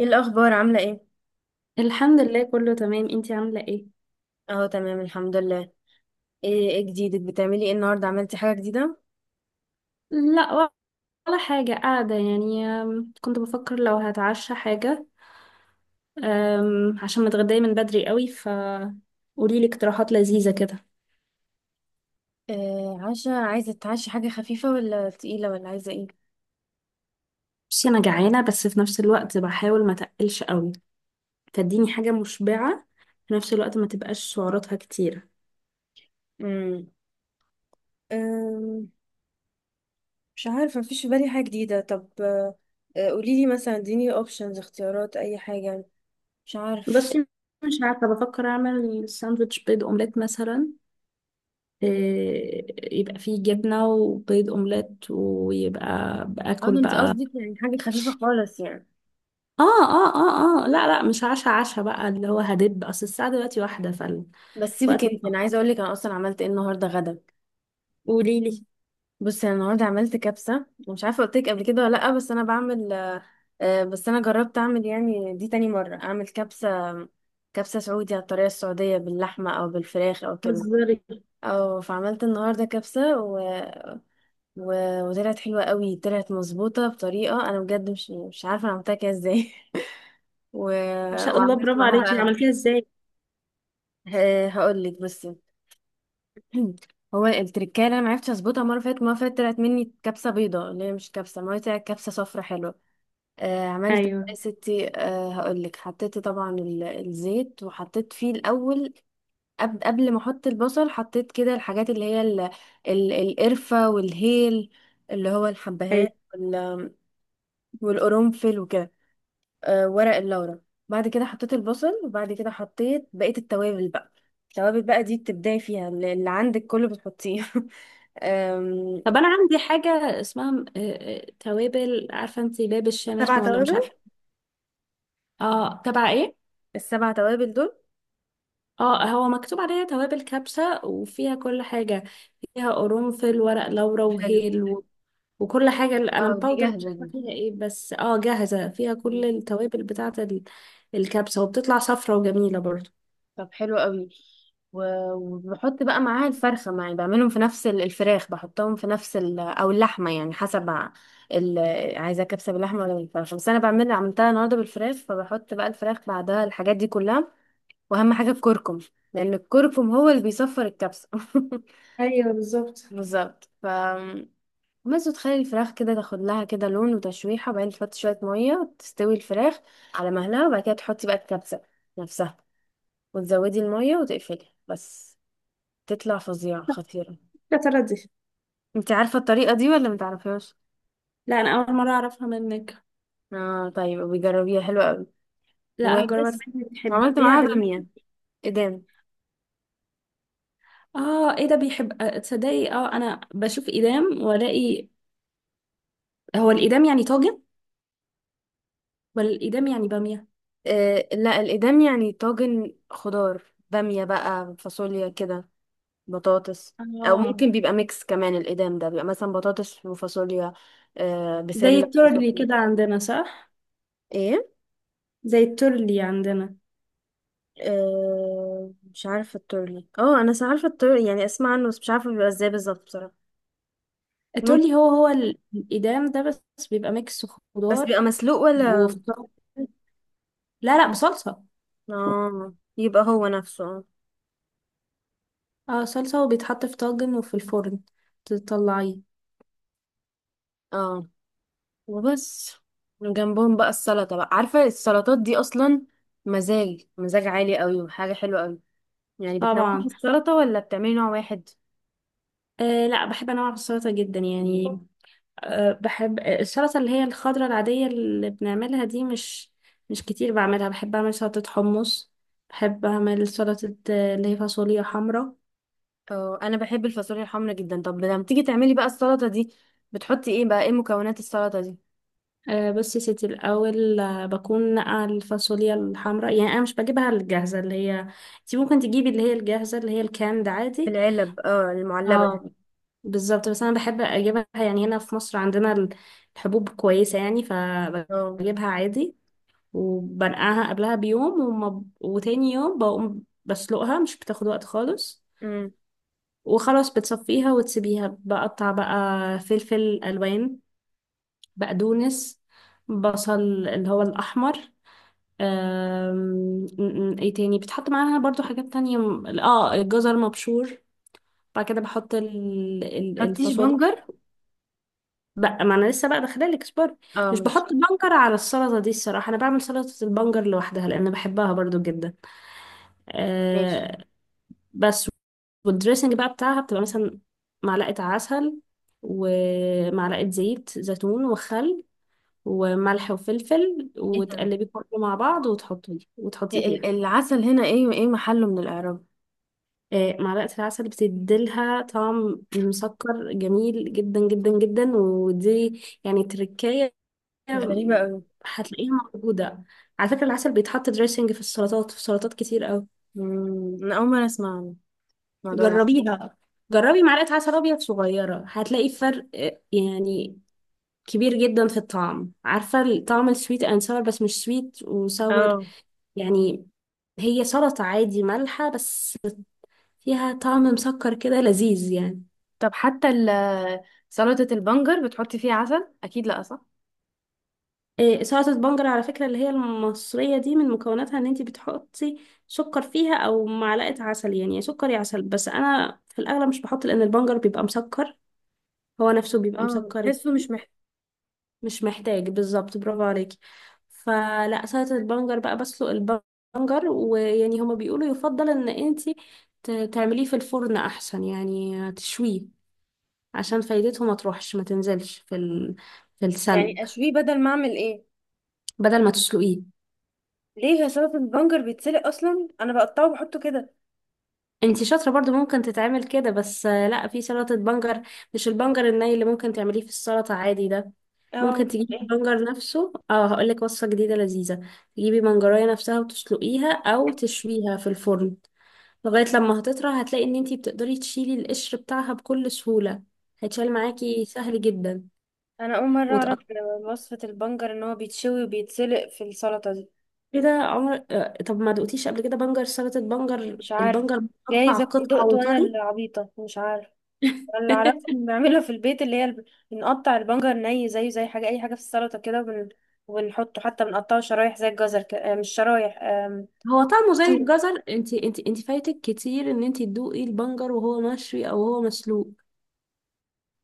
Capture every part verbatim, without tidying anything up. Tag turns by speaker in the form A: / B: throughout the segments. A: ايه الاخبار، عامله ايه؟
B: الحمد لله، كله تمام. انتي عاملة ايه؟
A: اهو تمام، الحمد لله. ايه ايه جديدك؟ بتعملي ايه النهارده، عملتي حاجه جديده؟
B: لا، ولا حاجة، قاعدة يعني. أم، كنت بفكر لو هتعشى حاجة. أم، عشان متغدية من بدري قوي، ف قوليلي اقتراحات لذيذة كده.
A: آه عشا، عايزه تتعشي حاجه خفيفه ولا تقيله ولا عايزه ايه؟
B: بصي، انا جعانة، بس في نفس الوقت بحاول ما تقلش قوي، فاديني حاجة مشبعة في نفس الوقت ما تبقاش سعراتها كتيرة.
A: امم أم، مش عارفة، مفيش في بالي حاجة جديدة. طب آه، آه، قوليلي مثلا، اديني اوبشنز، اختيارات، أي حاجة. مش عارف.
B: بس مش عارفة، بفكر اعمل ساندوتش بيض اومليت مثلا. إيه، يبقى فيه جبنة وبيض اومليت ويبقى
A: اه،
B: باكل
A: ده انت
B: بقى.
A: قصدك يعني حاجه خفيفه خالص يعني؟
B: اه اه اه اه، لا لا، مش عشا عشا بقى اللي هو هدب، اصل الساعة دلوقتي واحدة
A: بس سيبك
B: فالوقت.
A: انت،
B: ما
A: انا عايزه اقول لك انا اصلا عملت ايه النهارده غدا.
B: قولي لي.
A: بصي، انا النهارده عملت كبسه، مش عارفه قلت لك قبل كده ولا لا، بس انا بعمل آه، آه، بس انا جربت اعمل، يعني دي تاني مره اعمل كبسه، كبسه سعودي، على الطريقه السعوديه، باللحمه او بالفراخ او كده.
B: بتهزري!
A: او فعملت النهارده كبسه و... و... وطلعت حلوه قوي، طلعت مظبوطه بطريقه انا بجد مش مش عارفه انا عملتها كده ازاي. و...
B: ما شاء الله،
A: وعملت
B: برافو عليكي،
A: معاها بقى،
B: عملتيها ازاي؟
A: آه، هقول لك بصي. هو التركايه اللي انا معرفتش اظبطها، مره فاتت مره فاتت طلعت مني كبسه بيضه، اللي هي مش كبسه، ما هي طلعت كبسه صفرا حلوه. آه، عملت إيه
B: ايوه.
A: يا ستي؟ آه، هقولك حطيت طبعا ال- الزيت، وحطيت فيه الاول، قبل قبل ما احط البصل حطيت كده الحاجات اللي هي ال- ال- القرفه والهيل، اللي هو
B: ايوه،
A: الحبهان، وال- والقرنفل وكده، آه، ورق اللورا. بعد كده حطيت البصل، وبعد كده حطيت بقيه التوابل بقى. التوابل بقى دي بتبداي فيها، اللي اللي عندك كله بتحطيه. آم،
B: طب انا عندي حاجة اسمها آه، آه، توابل، عارفة انتي باب الشام
A: سبع
B: اسمه، ولا
A: توابل،
B: مش عارفة؟ اه، تبع ايه؟
A: السبع توابل دول.
B: اه، هو مكتوب عليها توابل كبسة وفيها كل حاجة، فيها قرنفل ورق لورا
A: حلو.
B: وهيل وكل حاجة. ال- أنا
A: اه، دي
B: باودر مش
A: جاهزه دي؟
B: عارفة فيها إيه، بس اه جاهزة فيها كل التوابل بتاعة ال- الكبسة، وبتطلع صفرة وجميلة برضو.
A: طب حلو قوي. و- وبحط بقى معاها الفرخة، معي بعملهم في نفس ال- الفراخ، بحطهم في نفس ال... او اللحمة، يعني حسب ع- ال... عايزة كبسة باللحمة ولا بالفراخ، بس انا بعمل عملتها النهاردة بالفراخ، فبحط بقى الفراخ بعدها الحاجات دي كلها، واهم حاجة الكركم، لان الكركم هو اللي بيصفر الكبسة.
B: ايوه بالظبط.
A: بالظبط ف، بس وتخلي الفراخ كده تاخد لها كده لون وتشويحة، وبعدين تحط شوية مية تستوي الفراخ على مهلها، وبعد كده تحطي بقى الكبسة نفسها، وتزودي المية وتقفلي بس، تطلع فظيعة خطيرة.
B: يا ترى دي؟
A: انت عارفة الطريقة دي ولا متعرفهاش؟
B: لا، أنا أول مرة أعرفها منك.
A: اه، طيب، بيجربيها حلوة قوي.
B: لا هجربها.
A: وبس،
B: تحبي-
A: عملت
B: بتحبيها
A: معاها
B: بال
A: بامية، إدام.
B: اه ايه ده بيحب. آه، تصدقي اه، أنا بشوف إيدام وألاقي، هو الإيدام يعني طاجن ولا الإيدام يعني بامية؟
A: آه لا، الإدام يعني طاجن خضار، بامية بقى، فاصوليا كده، بطاطس. أو
B: اه.
A: ممكن بيبقى ميكس كمان، الإدام ده بيبقى مثلا بطاطس وفاصوليا، آه
B: زي
A: بسلة
B: التورلي
A: وصحن.
B: كده عندنا، صح؟
A: ايه.
B: زي التورلي عندنا.
A: آه، مش عارفة التورلي، اه انا س- عارفة التورلي يعني، اسمع عنه بس مش عارفة بيبقى ازاي بالظبط بصراحة. ممكن.
B: التورلي هو هو ال- الإيدام ده، بس بيبقى ميكس
A: بس
B: خضار
A: بيبقى مسلوق ولا؟
B: وفطار. لا لا، بصلصة.
A: اه، يبقى هو نفسه، اه.
B: اه، صلصة وبيتحط في طاجن وفي الفرن تطلعيه.
A: اه، وبس، وجنبهم بقى السلطة بقى، عارفة السلطات دي أصلا؟ مزاج مزاج عالي قوي، وحاجة حلوة قوي. يعني بتنوعي
B: طبعا.
A: السلطة ولا بتعملي نوع واحد؟
B: آه لا، بحب انواع السلطة جدا يعني. آه بحب آه، السلطة اللي هي الخضرة العادية اللي بنعملها دي، مش مش كتير بعملها. بحب اعمل سلطة حمص، بحب اعمل سلطة آه، اللي هي فاصوليا حمراء.
A: اه، أنا بحب الفاصوليا الحمرا جدا. طب لما تيجي تعملي بقى السلطة دي، بتحطي ايه بقى، ايه مكونات السلطة دي؟
B: آه، بس يا ستي الأول آه، بكون نقع الفاصوليا الحمراء. يعني أنا مش بجيبها الجاهزة اللي هي، انتي ممكن تجيبي اللي هي الجاهزة اللي هي الكاند
A: في
B: عادي.
A: العلب، اه، المعلبة دي.
B: اه بالظبط، بس انا بحب اجيبها يعني هنا في مصر عندنا ال- الحبوب كويسة يعني،
A: اه.
B: فبجيبها عادي. وبنقعها قبلها بيوم، وما ب... وتاني يوم بقوم بسلقها، مش بتاخد وقت خالص.
A: امم
B: وخلاص بتصفيها وتسيبيها بقطع بقى، فلفل الوان، بقدونس، بصل اللي هو الاحمر. أم... م- م- ايه تاني بتحط معاها برضو حاجات تانية؟ م- اه، الجزر مبشور. بعد كده بحط ال- ال-
A: حطيش
B: الفاصوليا
A: بنجر؟
B: بقى. ما انا لسه بقى داخله لك، اصبري.
A: اه،
B: مش
A: ماشي.
B: بحط بنجر على السلطه دي الصراحه، انا بعمل سلطه البنجر لوحدها لان بحبها برضو جدا.
A: ماشي.
B: أه. بس والدريسنج بقى بتاعها بتبقى مثلا معلقه عسل ومعلقه زيت زيتون وخل وملح وفلفل،
A: ايه ده؟
B: وتقلبي كله مع بعض وتحطيه وتحطيه
A: ال-
B: فيها.
A: العسل هنا ايه وايه محله من الإعراب؟
B: أه، معلقه العسل بتديلها طعم مسكر جميل جدا جدا جدا، ودي يعني تركاية
A: غريبة اوي.
B: هتلاقيها موجودة. على فكرة العسل بيتحط دريسنج في السلطات، في سلطات كتير أوي.
A: مم، انا اول مره اسمع عن الموضوع ده.
B: جربيها، جربي معلقة عسل أبيض صغيرة هتلاقي فرق آه، يعني كبير جدا في الطعم. عارفة طعم السويت أند ساور؟ بس مش سويت وساور
A: اه،
B: يعني، هي سلطة عادي مالحة، بس فيها طعم مسكر كده لذيذ يعني.
A: طب حتى ال- سلطه البنجر بتحطي فيها عسل اكيد، لا صح؟
B: إيه، سلطة بنجر على فكرة اللي هي المصرية دي، من مكوناتها ان انتي بتحطي سكر فيها او معلقة عسل، يعني يا سكر يا عسل. بس انا في الاغلب مش بحط لان البنجر بيبقى مسكر هو نفسه بيبقى
A: اه،
B: مسكر
A: بحسه
B: يعني.
A: مش محتاج.
B: مش محتاج بالظبط، برافو عليكي. فلا، سلطة البنجر بقى، بسلق البنجر، ويعني هما بيقولوا يفضل ان انتي ت- تعمليه في الفرن احسن، يعني تشويه، عشان فايدته ما تروحش ما تنزلش في ال... في السلق.
A: يعني اشويه بدل ما اعمل ايه؟
B: بدل ما تسلقيه.
A: ليه يا سلطة البنجر بيتسلق اصلا؟ انا بقطعه وبحطه كده.
B: انتي شاطرة برضو، ممكن تتعمل كده، بس آه، لا، في سلطة بنجر مش البنجر الني اللي ممكن تعمليه في السلطة عادي ده. ممكن
A: اه،
B: تجيبي
A: إيه؟
B: البنجر نفسه، اه هقولك وصفة جديدة لذيذة، تجيبي بنجراية نفسها وتسلقيها او تشويها في الفرن، لغاية لما هتطرى هتلاقي ان انتي بتقدري تشيلي القشر بتاعها بكل سهولة، هيتشال معاكي سهل جدا
A: انا اول مره اعرف
B: وتقطعي.
A: وصفه البنجر ان هو بيتشوي وبيتسلق في السلطه دي.
B: كده عمر. آه، طب ما دقتيش قبل كده بنجر، سلطة بنجر،
A: مش عارف.
B: البنجر مقطع
A: جايز اكون
B: قطع
A: دقت وانا
B: وطري؟
A: العبيطه، مش عارف. اللي اعرفه بنعملها في البيت اللي هي الب- بنقطع البنجر ني، زيه زي حاجه، اي حاجه في السلطه كده، وبن... وبنحطه، حتى بنقطعه شرايح زي الجزر، ك... آه، مش شرايح، آم،
B: هو طعمه زي
A: شوربة.
B: الجزر؟ انت انت انت فايتك كتير ان انت تدوقي البنجر وهو مشوي او هو مسلوق.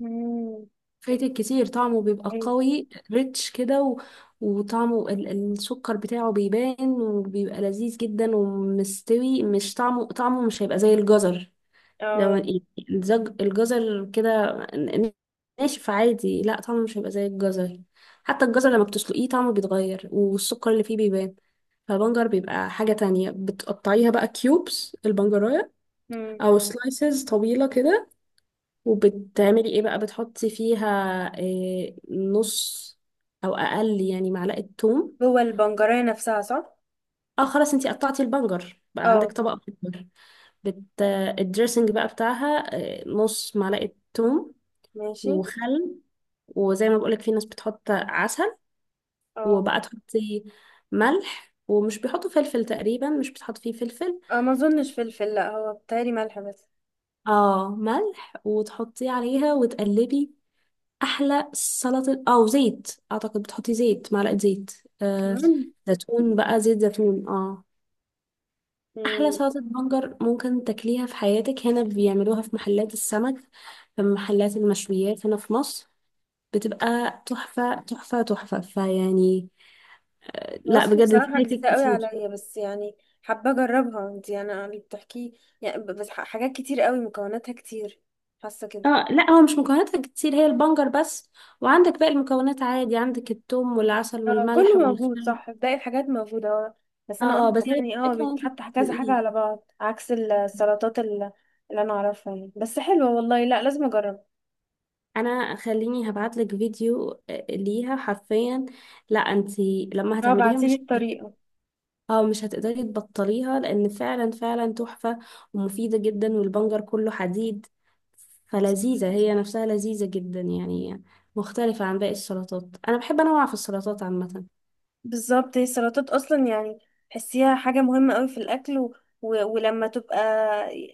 A: مم،
B: فايتك كتير، طعمه بيبقى
A: حلو،
B: قوي، ريتش كده، و... وطعمه ال- السكر بتاعه بيبان وبيبقى لذيذ جدا ومستوي. مش طعمه، طعمه مش هيبقى زي الجزر. لو
A: اه،
B: الزج- الجزر كده ن- ناشف عادي، لا طعمه مش هيبقى زي الجزر. حتى الجزر لما بتسلقيه طعمه بيتغير والسكر اللي فيه بيبان، فالبنجر بيبقى حاجة تانية. بتقطعيها بقى كيوبس البنجراية،
A: مم.
B: أو سلايسز طويلة كده. وبتعملي إيه بقى؟ بتحطي فيها إيه؟ نص أو أقل يعني معلقة توم.
A: جوه البنجرية نفسها صح؟
B: اه خلاص، انتي قطعتي البنجر بقى عندك
A: اه.
B: طبق بنجر، بت... الدريسنج بقى بتاعها، إيه، نص معلقة توم
A: ماشي.
B: وخل. وزي ما بقولك، في ناس بتحط عسل.
A: اه.
B: وبقى تحطي ملح، ومش بيحطوا فلفل تقريبا، مش بتحط فيه فلفل.
A: آه، ما اظنش فلفل، لا هو بتهيألي ملح بس،
B: اه ملح، وتحطيه عليها وتقلبي، احلى سلطة. او زيت، اعتقد بتحطي زيت، معلقة زيت آه
A: كمان.
B: زيتون بقى، زيت زيتون اه. احلى
A: مم.
B: سلطة بنجر ممكن تاكليها في حياتك. هنا بيعملوها في محلات السمك، في محلات المشويات هنا في مصر، بتبقى تحفة تحفة تحفة، فيعني. لا
A: وصفة
B: بجد، انت
A: بصراحة
B: فايتك
A: جديدة قوي
B: كتير.
A: عليا، بس يعني حابة اجربها، انت يعني اللي بتحكيه، يعني ب- بس ح- حاجات كتير قوي، مكوناتها كتير، حاسة كده.
B: اه لا، هو مش مكوناتها كتير، هي البنجر بس، وعندك باقي المكونات عادي، عندك الثوم والعسل
A: اه، كله
B: والملح
A: موجود،
B: والخل.
A: صح، باقي الحاجات موجودة، اه. بس أنا
B: اه
A: قصدي
B: بس هي
A: يعني، اه،
B: الفكرة انت
A: بيتحط كذا حاجة
B: تدوقيه.
A: على بعض عكس السلطات ال- اللي أنا أعرفها يعني، بس حلوة والله، لا لازم أجرب.
B: انا خليني هبعتلك فيديو آه، ليها حرفيا. لا انت لما
A: اه،
B: هتعمليها
A: بعتيلي
B: مش هت...
A: الطريقة.
B: اه مش هتقدري تبطليها، لان فعلا فعلا تحفة، ومفيدة جدا، والبنجر كله حديد. فلذيذة هي نفسها لذيذة جدا يعني، مختلفة عن باقي السلطات. انا بحب انوع في السلطات عامة.
A: بالظبط، هي السلطات أصلا يعني، تحسيها حاجة مهمة قوي في الأكل، و... و... ولما تبقى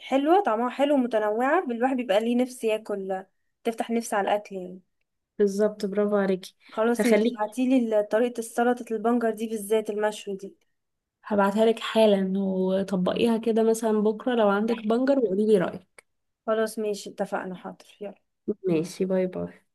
A: حلوة، طعمها حلو ومتنوعة، الواحد بيبقى ليه نفس ياكل، تفتح نفس على الأكل يعني.
B: بالظبط، برافو عليكي.
A: خلاص، ماشي،
B: هخليكي،
A: ابعتيلي ال- طريقة السلطة البنجر دي، بالذات المشوي دي.
B: هبعتها لك حالا، وطبقيها كده مثلا بكرة لو عندك بنجر، وقولي لي رأيك.
A: خلاص، ماشي، اتفقنا، حاضر، يلا.
B: ماشي، باي باي.